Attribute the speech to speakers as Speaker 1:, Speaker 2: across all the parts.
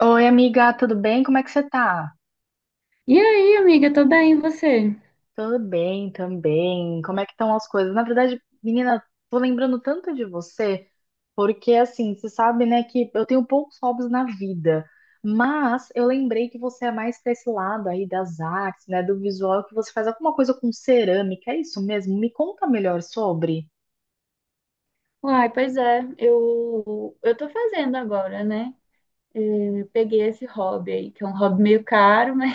Speaker 1: Oi, amiga, tudo bem? Como é que você tá?
Speaker 2: E aí, amiga, tô bem, e você?
Speaker 1: Tudo bem também. Como é que estão as coisas? Na verdade, menina, tô lembrando tanto de você, porque assim, você sabe, né, que eu tenho poucos hobbies na vida, mas eu lembrei que você é mais pra esse lado aí das artes, né, do visual, que você faz alguma coisa com cerâmica, é isso mesmo? Me conta melhor sobre.
Speaker 2: Uai, pois é, eu tô fazendo agora, né? Eu peguei esse hobby aí, que é um hobby meio caro, mas,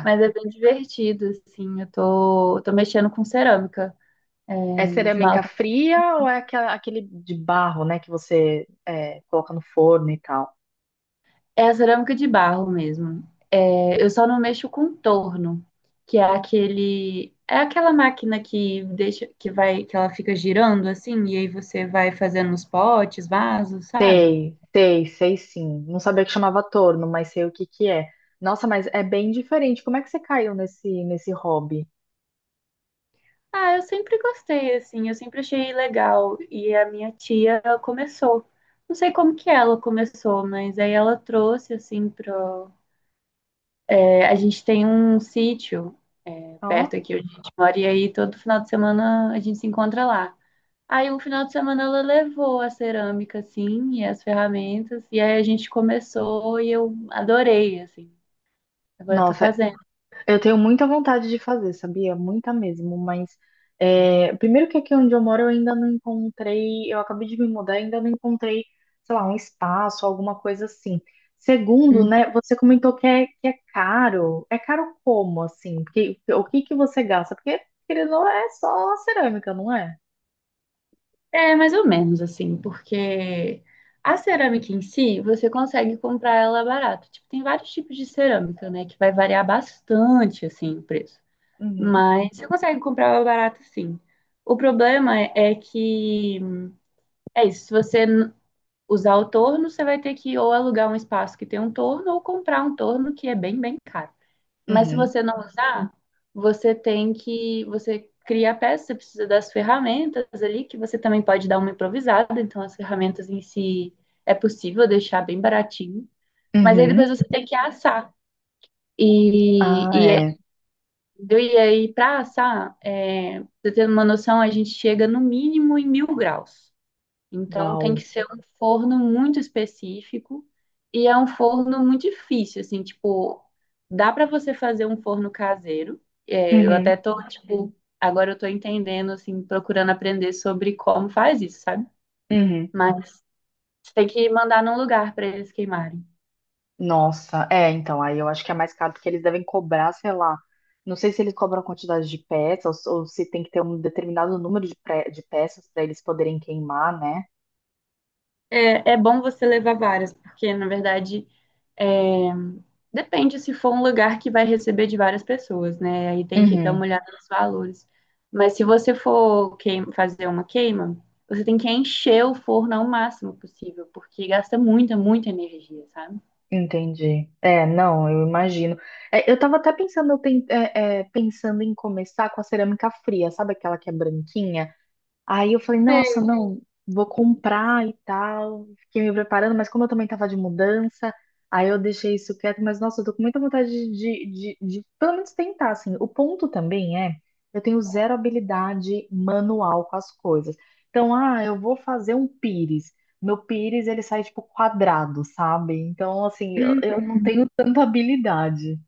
Speaker 2: mas é bem divertido, assim. Eu tô mexendo com cerâmica, é,
Speaker 1: É cerâmica
Speaker 2: esmalta.
Speaker 1: fria ou é aquele de barro, né, que coloca no forno e tal?
Speaker 2: É a cerâmica de barro mesmo. É, eu só não mexo com torno, que é aquela máquina que deixa, que vai, que ela fica girando assim, e aí você vai fazendo os potes, vasos, sabe?
Speaker 1: Sei, sei, sei sim. Não sabia que chamava torno, mas sei o que que é. Nossa, mas é bem diferente. Como é que você caiu nesse hobby?
Speaker 2: Ah, eu sempre gostei, assim, eu sempre achei legal. E a minha tia, ela começou. Não sei como que ela começou, mas aí ela trouxe, assim, pro. É, a gente tem um sítio perto
Speaker 1: Ó,
Speaker 2: aqui onde a gente mora, e aí todo final de semana a gente se encontra lá. Aí um final de semana ela levou a cerâmica, assim, e as ferramentas, e aí a gente começou e eu adorei, assim. Agora eu tô
Speaker 1: nossa,
Speaker 2: fazendo.
Speaker 1: eu tenho muita vontade de fazer, sabia? Muita mesmo, mas primeiro que aqui onde eu moro eu ainda não encontrei, eu acabei de me mudar, ainda não encontrei, sei lá, um espaço, alguma coisa assim. Segundo,
Speaker 2: Hum.
Speaker 1: né, você comentou que é caro. É caro como, assim? Porque, o que que você gasta? Porque, querendo ou não, é só cerâmica, não é?
Speaker 2: É mais ou menos assim, porque a cerâmica em si, você consegue comprar ela barato. Tipo, tem vários tipos de cerâmica, né, que vai variar bastante assim o preço.
Speaker 1: Uhum.
Speaker 2: Mas você consegue comprar ela barato sim. O problema é que é isso, se você usar o torno, você vai ter que ou alugar um espaço que tem um torno ou comprar um torno que é bem, bem caro. Mas se
Speaker 1: Uhum,
Speaker 2: você não usar, você cria a peça, você precisa das ferramentas ali, que você também pode dar uma improvisada, então as ferramentas em si é possível deixar bem baratinho, mas aí depois
Speaker 1: uhum.
Speaker 2: você tem que assar. E,
Speaker 1: Ah,
Speaker 2: e, é-
Speaker 1: é.
Speaker 2: Entendeu? E aí, para assar, pra você ter uma noção, a gente chega no mínimo em 1.000 graus. Então tem que
Speaker 1: Uau.
Speaker 2: ser um forno muito específico e é um forno muito difícil, assim, tipo, dá para você fazer um forno caseiro. É, eu até
Speaker 1: Uhum,
Speaker 2: tô, tipo, agora eu tô entendendo, assim, procurando aprender sobre como faz isso, sabe?
Speaker 1: uhum.
Speaker 2: Mas tem que mandar num lugar para eles queimarem.
Speaker 1: Nossa, é, então, aí eu acho que é mais caro porque eles devem cobrar, sei lá. Não sei se eles cobram a quantidade de peças ou se tem que ter um determinado número de, de peças para eles poderem queimar, né?
Speaker 2: É, é bom você levar várias, porque na verdade é, depende se for um lugar que vai receber de várias pessoas, né? Aí tem que dar uma
Speaker 1: Uhum,
Speaker 2: olhada nos valores. Mas se você for fazer uma queima, você tem que encher o forno ao máximo possível, porque gasta muita, muita energia, sabe?
Speaker 1: entendi. É, não, eu imagino. É, eu tava até pensando, eu pen- é, é, pensando em começar com a cerâmica fria, sabe aquela que é branquinha? Aí eu falei,
Speaker 2: Sei.
Speaker 1: nossa, não, vou comprar e tal. Fiquei me preparando, mas como eu também tava de mudança, aí eu deixei isso quieto. Mas nossa, eu tô com muita vontade de, de, de, pelo menos tentar, assim. O ponto também é, eu tenho zero habilidade manual com as coisas. Então, ah, eu vou fazer um pires. Meu pires, ele sai tipo quadrado, sabe? Então, assim, eu não tenho tanta habilidade.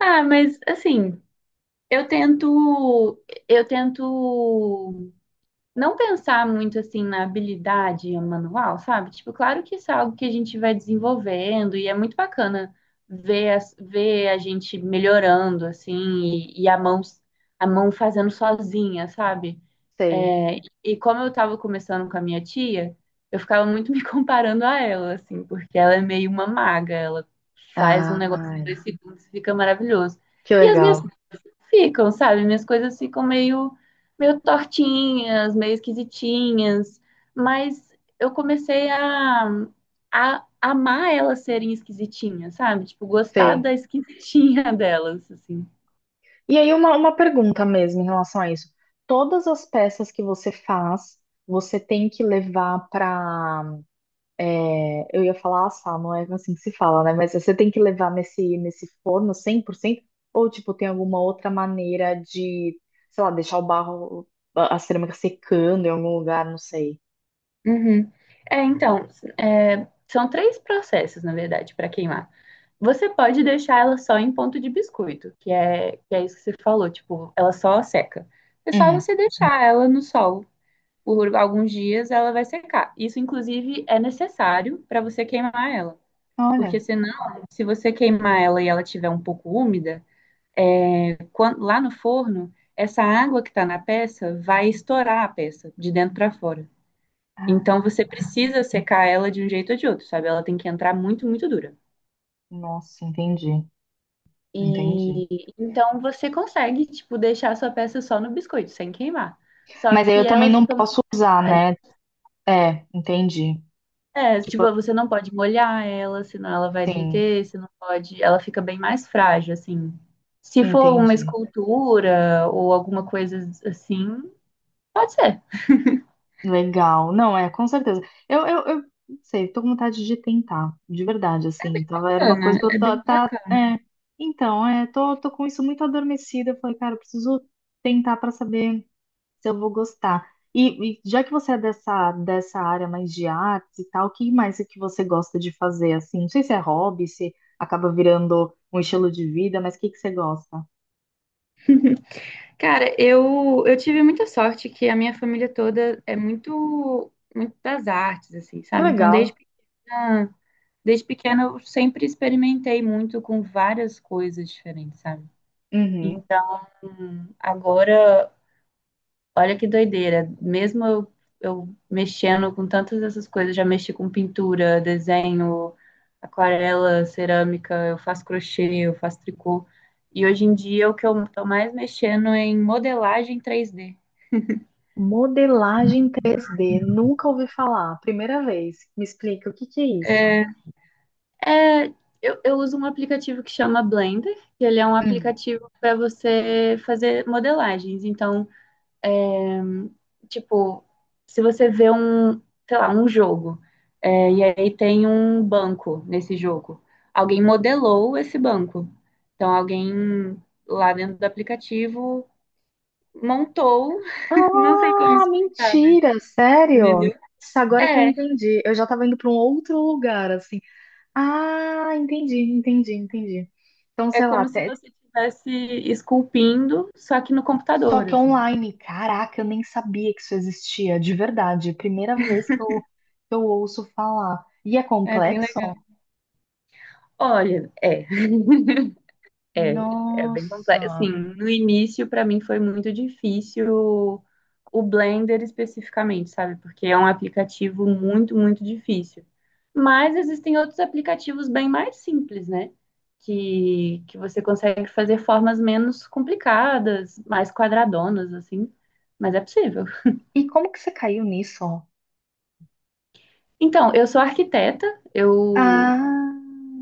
Speaker 2: Ah, mas assim, eu tento, eu tento não pensar muito assim na habilidade manual, sabe? Tipo, claro que isso é algo que a gente vai desenvolvendo e é muito bacana ver a gente melhorando assim e a mão fazendo sozinha, sabe?
Speaker 1: Sei.
Speaker 2: É, e como eu tava começando com a minha tia, eu ficava muito me comparando a ela, assim, porque ela é meio uma maga, ela faz um negócio em
Speaker 1: Ai,
Speaker 2: 2 segundos e fica maravilhoso.
Speaker 1: que
Speaker 2: E as minhas
Speaker 1: legal.
Speaker 2: ficam, sabe? Minhas coisas ficam meio, meio tortinhas, meio esquisitinhas, mas eu comecei a amar elas serem esquisitinhas, sabe? Tipo, gostar
Speaker 1: Sei.
Speaker 2: da esquisitinha delas, assim.
Speaker 1: E aí, uma pergunta mesmo em relação a isso. Todas as peças que você faz, você tem que levar para. Eu ia falar assar, não é assim que se fala, né? Mas você tem que levar nesse forno cem por cento? Ou, tipo, tem alguma outra maneira de, sei lá, deixar o barro, a cerâmica secando em algum lugar, não sei.
Speaker 2: Uhum. É, então, são três processos, na verdade, para queimar. Você pode deixar ela só em ponto de biscoito, que é isso que você falou, tipo, ela só seca. É só
Speaker 1: Uhum.
Speaker 2: você deixar ela no sol por alguns dias, ela vai secar. Isso, inclusive, é necessário para você queimar ela. Porque
Speaker 1: Olha.
Speaker 2: senão, se você queimar ela e ela estiver um pouco úmida, lá no forno, essa água que está na peça vai estourar a peça de dentro para fora. Então
Speaker 1: Ah,
Speaker 2: você precisa secar ela de um jeito ou de outro, sabe? Ela tem que entrar muito, muito dura.
Speaker 1: nossa, entendi. Entendi.
Speaker 2: E então você consegue, tipo, deixar a sua peça só no biscoito, sem queimar. Só
Speaker 1: Mas aí eu
Speaker 2: que
Speaker 1: também
Speaker 2: ela
Speaker 1: não
Speaker 2: fica muito.
Speaker 1: posso usar, né? É, entendi.
Speaker 2: É, tipo,
Speaker 1: Tipo,
Speaker 2: você não pode molhar ela, senão ela vai
Speaker 1: sim,
Speaker 2: derreter, você não pode, ela fica bem mais frágil, assim. Se for uma
Speaker 1: entendi.
Speaker 2: escultura ou alguma coisa assim, pode ser.
Speaker 1: Legal. Não, é, com certeza. Eu não sei, tô com vontade de tentar, de verdade, assim. Tava, era uma coisa que
Speaker 2: Bacana,
Speaker 1: eu
Speaker 2: é
Speaker 1: tá,
Speaker 2: bem
Speaker 1: tá-
Speaker 2: bacana.
Speaker 1: é. Então, é, tô com isso muito adormecida. Eu falei, cara, eu preciso tentar pra saber se eu vou gostar. E já que você é dessa, dessa área mais de artes e tal, o que mais é que você gosta de fazer, assim? Não sei se é hobby, se acaba virando um estilo de vida, mas o que que você gosta?
Speaker 2: Cara, eu tive muita sorte que a minha família toda é muito, muito das artes, assim,
Speaker 1: Que
Speaker 2: sabe? Então,
Speaker 1: legal.
Speaker 2: pequena, desde pequena eu sempre experimentei muito com várias coisas diferentes, sabe?
Speaker 1: Uhum.
Speaker 2: Então, agora. Olha que doideira. Mesmo eu mexendo com tantas dessas coisas, já mexi com pintura, desenho, aquarela, cerâmica, eu faço crochê, eu faço tricô. E hoje em dia o que eu tô mais mexendo é em modelagem 3D.
Speaker 1: Modelagem 3D, nunca ouvi falar, primeira vez. Me explica o que que é isso?
Speaker 2: É, é, eu uso um aplicativo que chama Blender, que ele é um
Speaker 1: Hum.
Speaker 2: aplicativo para você fazer modelagens. Então, tipo, se você vê um, sei lá, um jogo, e aí tem um banco nesse jogo. Alguém modelou esse banco. Então, alguém lá dentro do aplicativo montou, não sei como
Speaker 1: Ah,
Speaker 2: explicar, mas
Speaker 1: mentira, sério?
Speaker 2: entendeu?
Speaker 1: Nossa, agora que eu
Speaker 2: É,
Speaker 1: entendi. Eu já estava indo para um outro lugar, assim. Ah, entendi, entendi, entendi. Então,
Speaker 2: é
Speaker 1: sei lá,
Speaker 2: como se
Speaker 1: até...
Speaker 2: você estivesse esculpindo, só que no
Speaker 1: só
Speaker 2: computador,
Speaker 1: que
Speaker 2: assim.
Speaker 1: online. Caraca, eu nem sabia que isso existia, de verdade. Primeira vez que eu ouço falar. E é
Speaker 2: É bem
Speaker 1: complexo?
Speaker 2: legal. Olha. É bem complexo.
Speaker 1: Nossa.
Speaker 2: Assim, no início, para mim, foi muito difícil o Blender especificamente, sabe? Porque é um aplicativo muito, muito difícil. Mas existem outros aplicativos bem mais simples, né? Que você consegue fazer formas menos complicadas, mais quadradonas, assim. Mas é possível.
Speaker 1: E como que você caiu nisso?
Speaker 2: Então, eu sou arquiteta, eu
Speaker 1: Ah,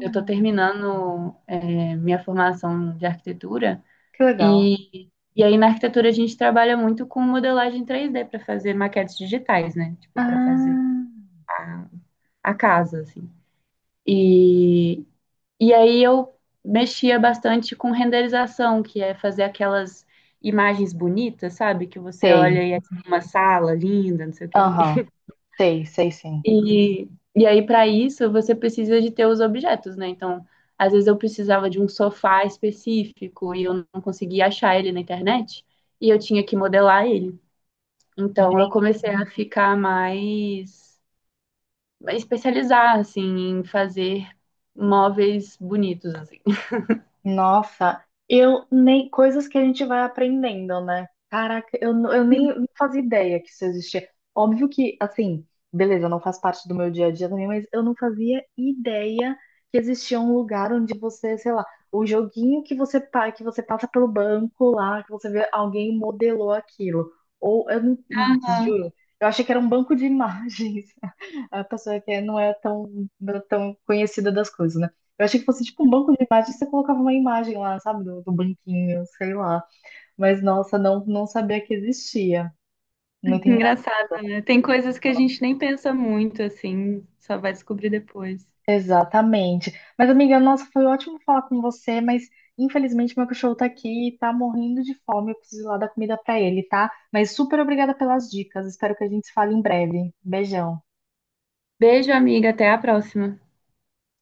Speaker 2: eu estou terminando, minha formação de arquitetura.
Speaker 1: que legal.
Speaker 2: E, e aí na arquitetura a gente trabalha muito com modelagem 3D para fazer maquetes digitais, né? Tipo, para fazer
Speaker 1: Ah,
Speaker 2: a, a casa, assim. E, e aí eu mexia bastante com renderização, que é fazer aquelas imagens bonitas, sabe? Que você olha
Speaker 1: sei.
Speaker 2: e é tipo uma sala linda, não sei o quê.
Speaker 1: Aham, sei, sei sim.
Speaker 2: E, e aí, para isso, você precisa de ter os objetos, né? Então, às vezes eu precisava de um sofá específico e eu não conseguia achar ele na internet, e eu tinha que modelar ele. Então, eu comecei a ficar mais, a especializar, assim, em fazer móveis bonitos, assim.
Speaker 1: Nossa, eu nem coisas que a gente vai aprendendo, né? Caraca, eu nem não fazia ideia que isso existia. Óbvio que, assim, beleza, não faz parte do meu dia a dia também, mas eu não fazia ideia que existia um lugar onde você, sei lá, o joguinho que você, que você passa pelo banco lá, que você vê alguém modelou aquilo. Ou eu não
Speaker 2: Ah,
Speaker 1: juro, eu achei que era um banco de imagens. A pessoa que não é tão, tão conhecida das coisas, né? Eu achei que fosse tipo um banco de imagens, você colocava uma imagem lá, sabe, do banquinho, sei lá. Mas nossa, não, não sabia que existia. Muito engraçado.
Speaker 2: engraçado, né? Tem coisas que a gente nem pensa muito, assim, só vai descobrir depois.
Speaker 1: Exatamente. Mas, amiga, nossa, foi ótimo falar com você, mas infelizmente meu cachorro tá aqui e tá morrendo de fome. Eu preciso ir lá dar comida pra ele, tá? Mas super obrigada pelas dicas. Espero que a gente se fale em breve. Beijão.
Speaker 2: Beijo, amiga, até a próxima.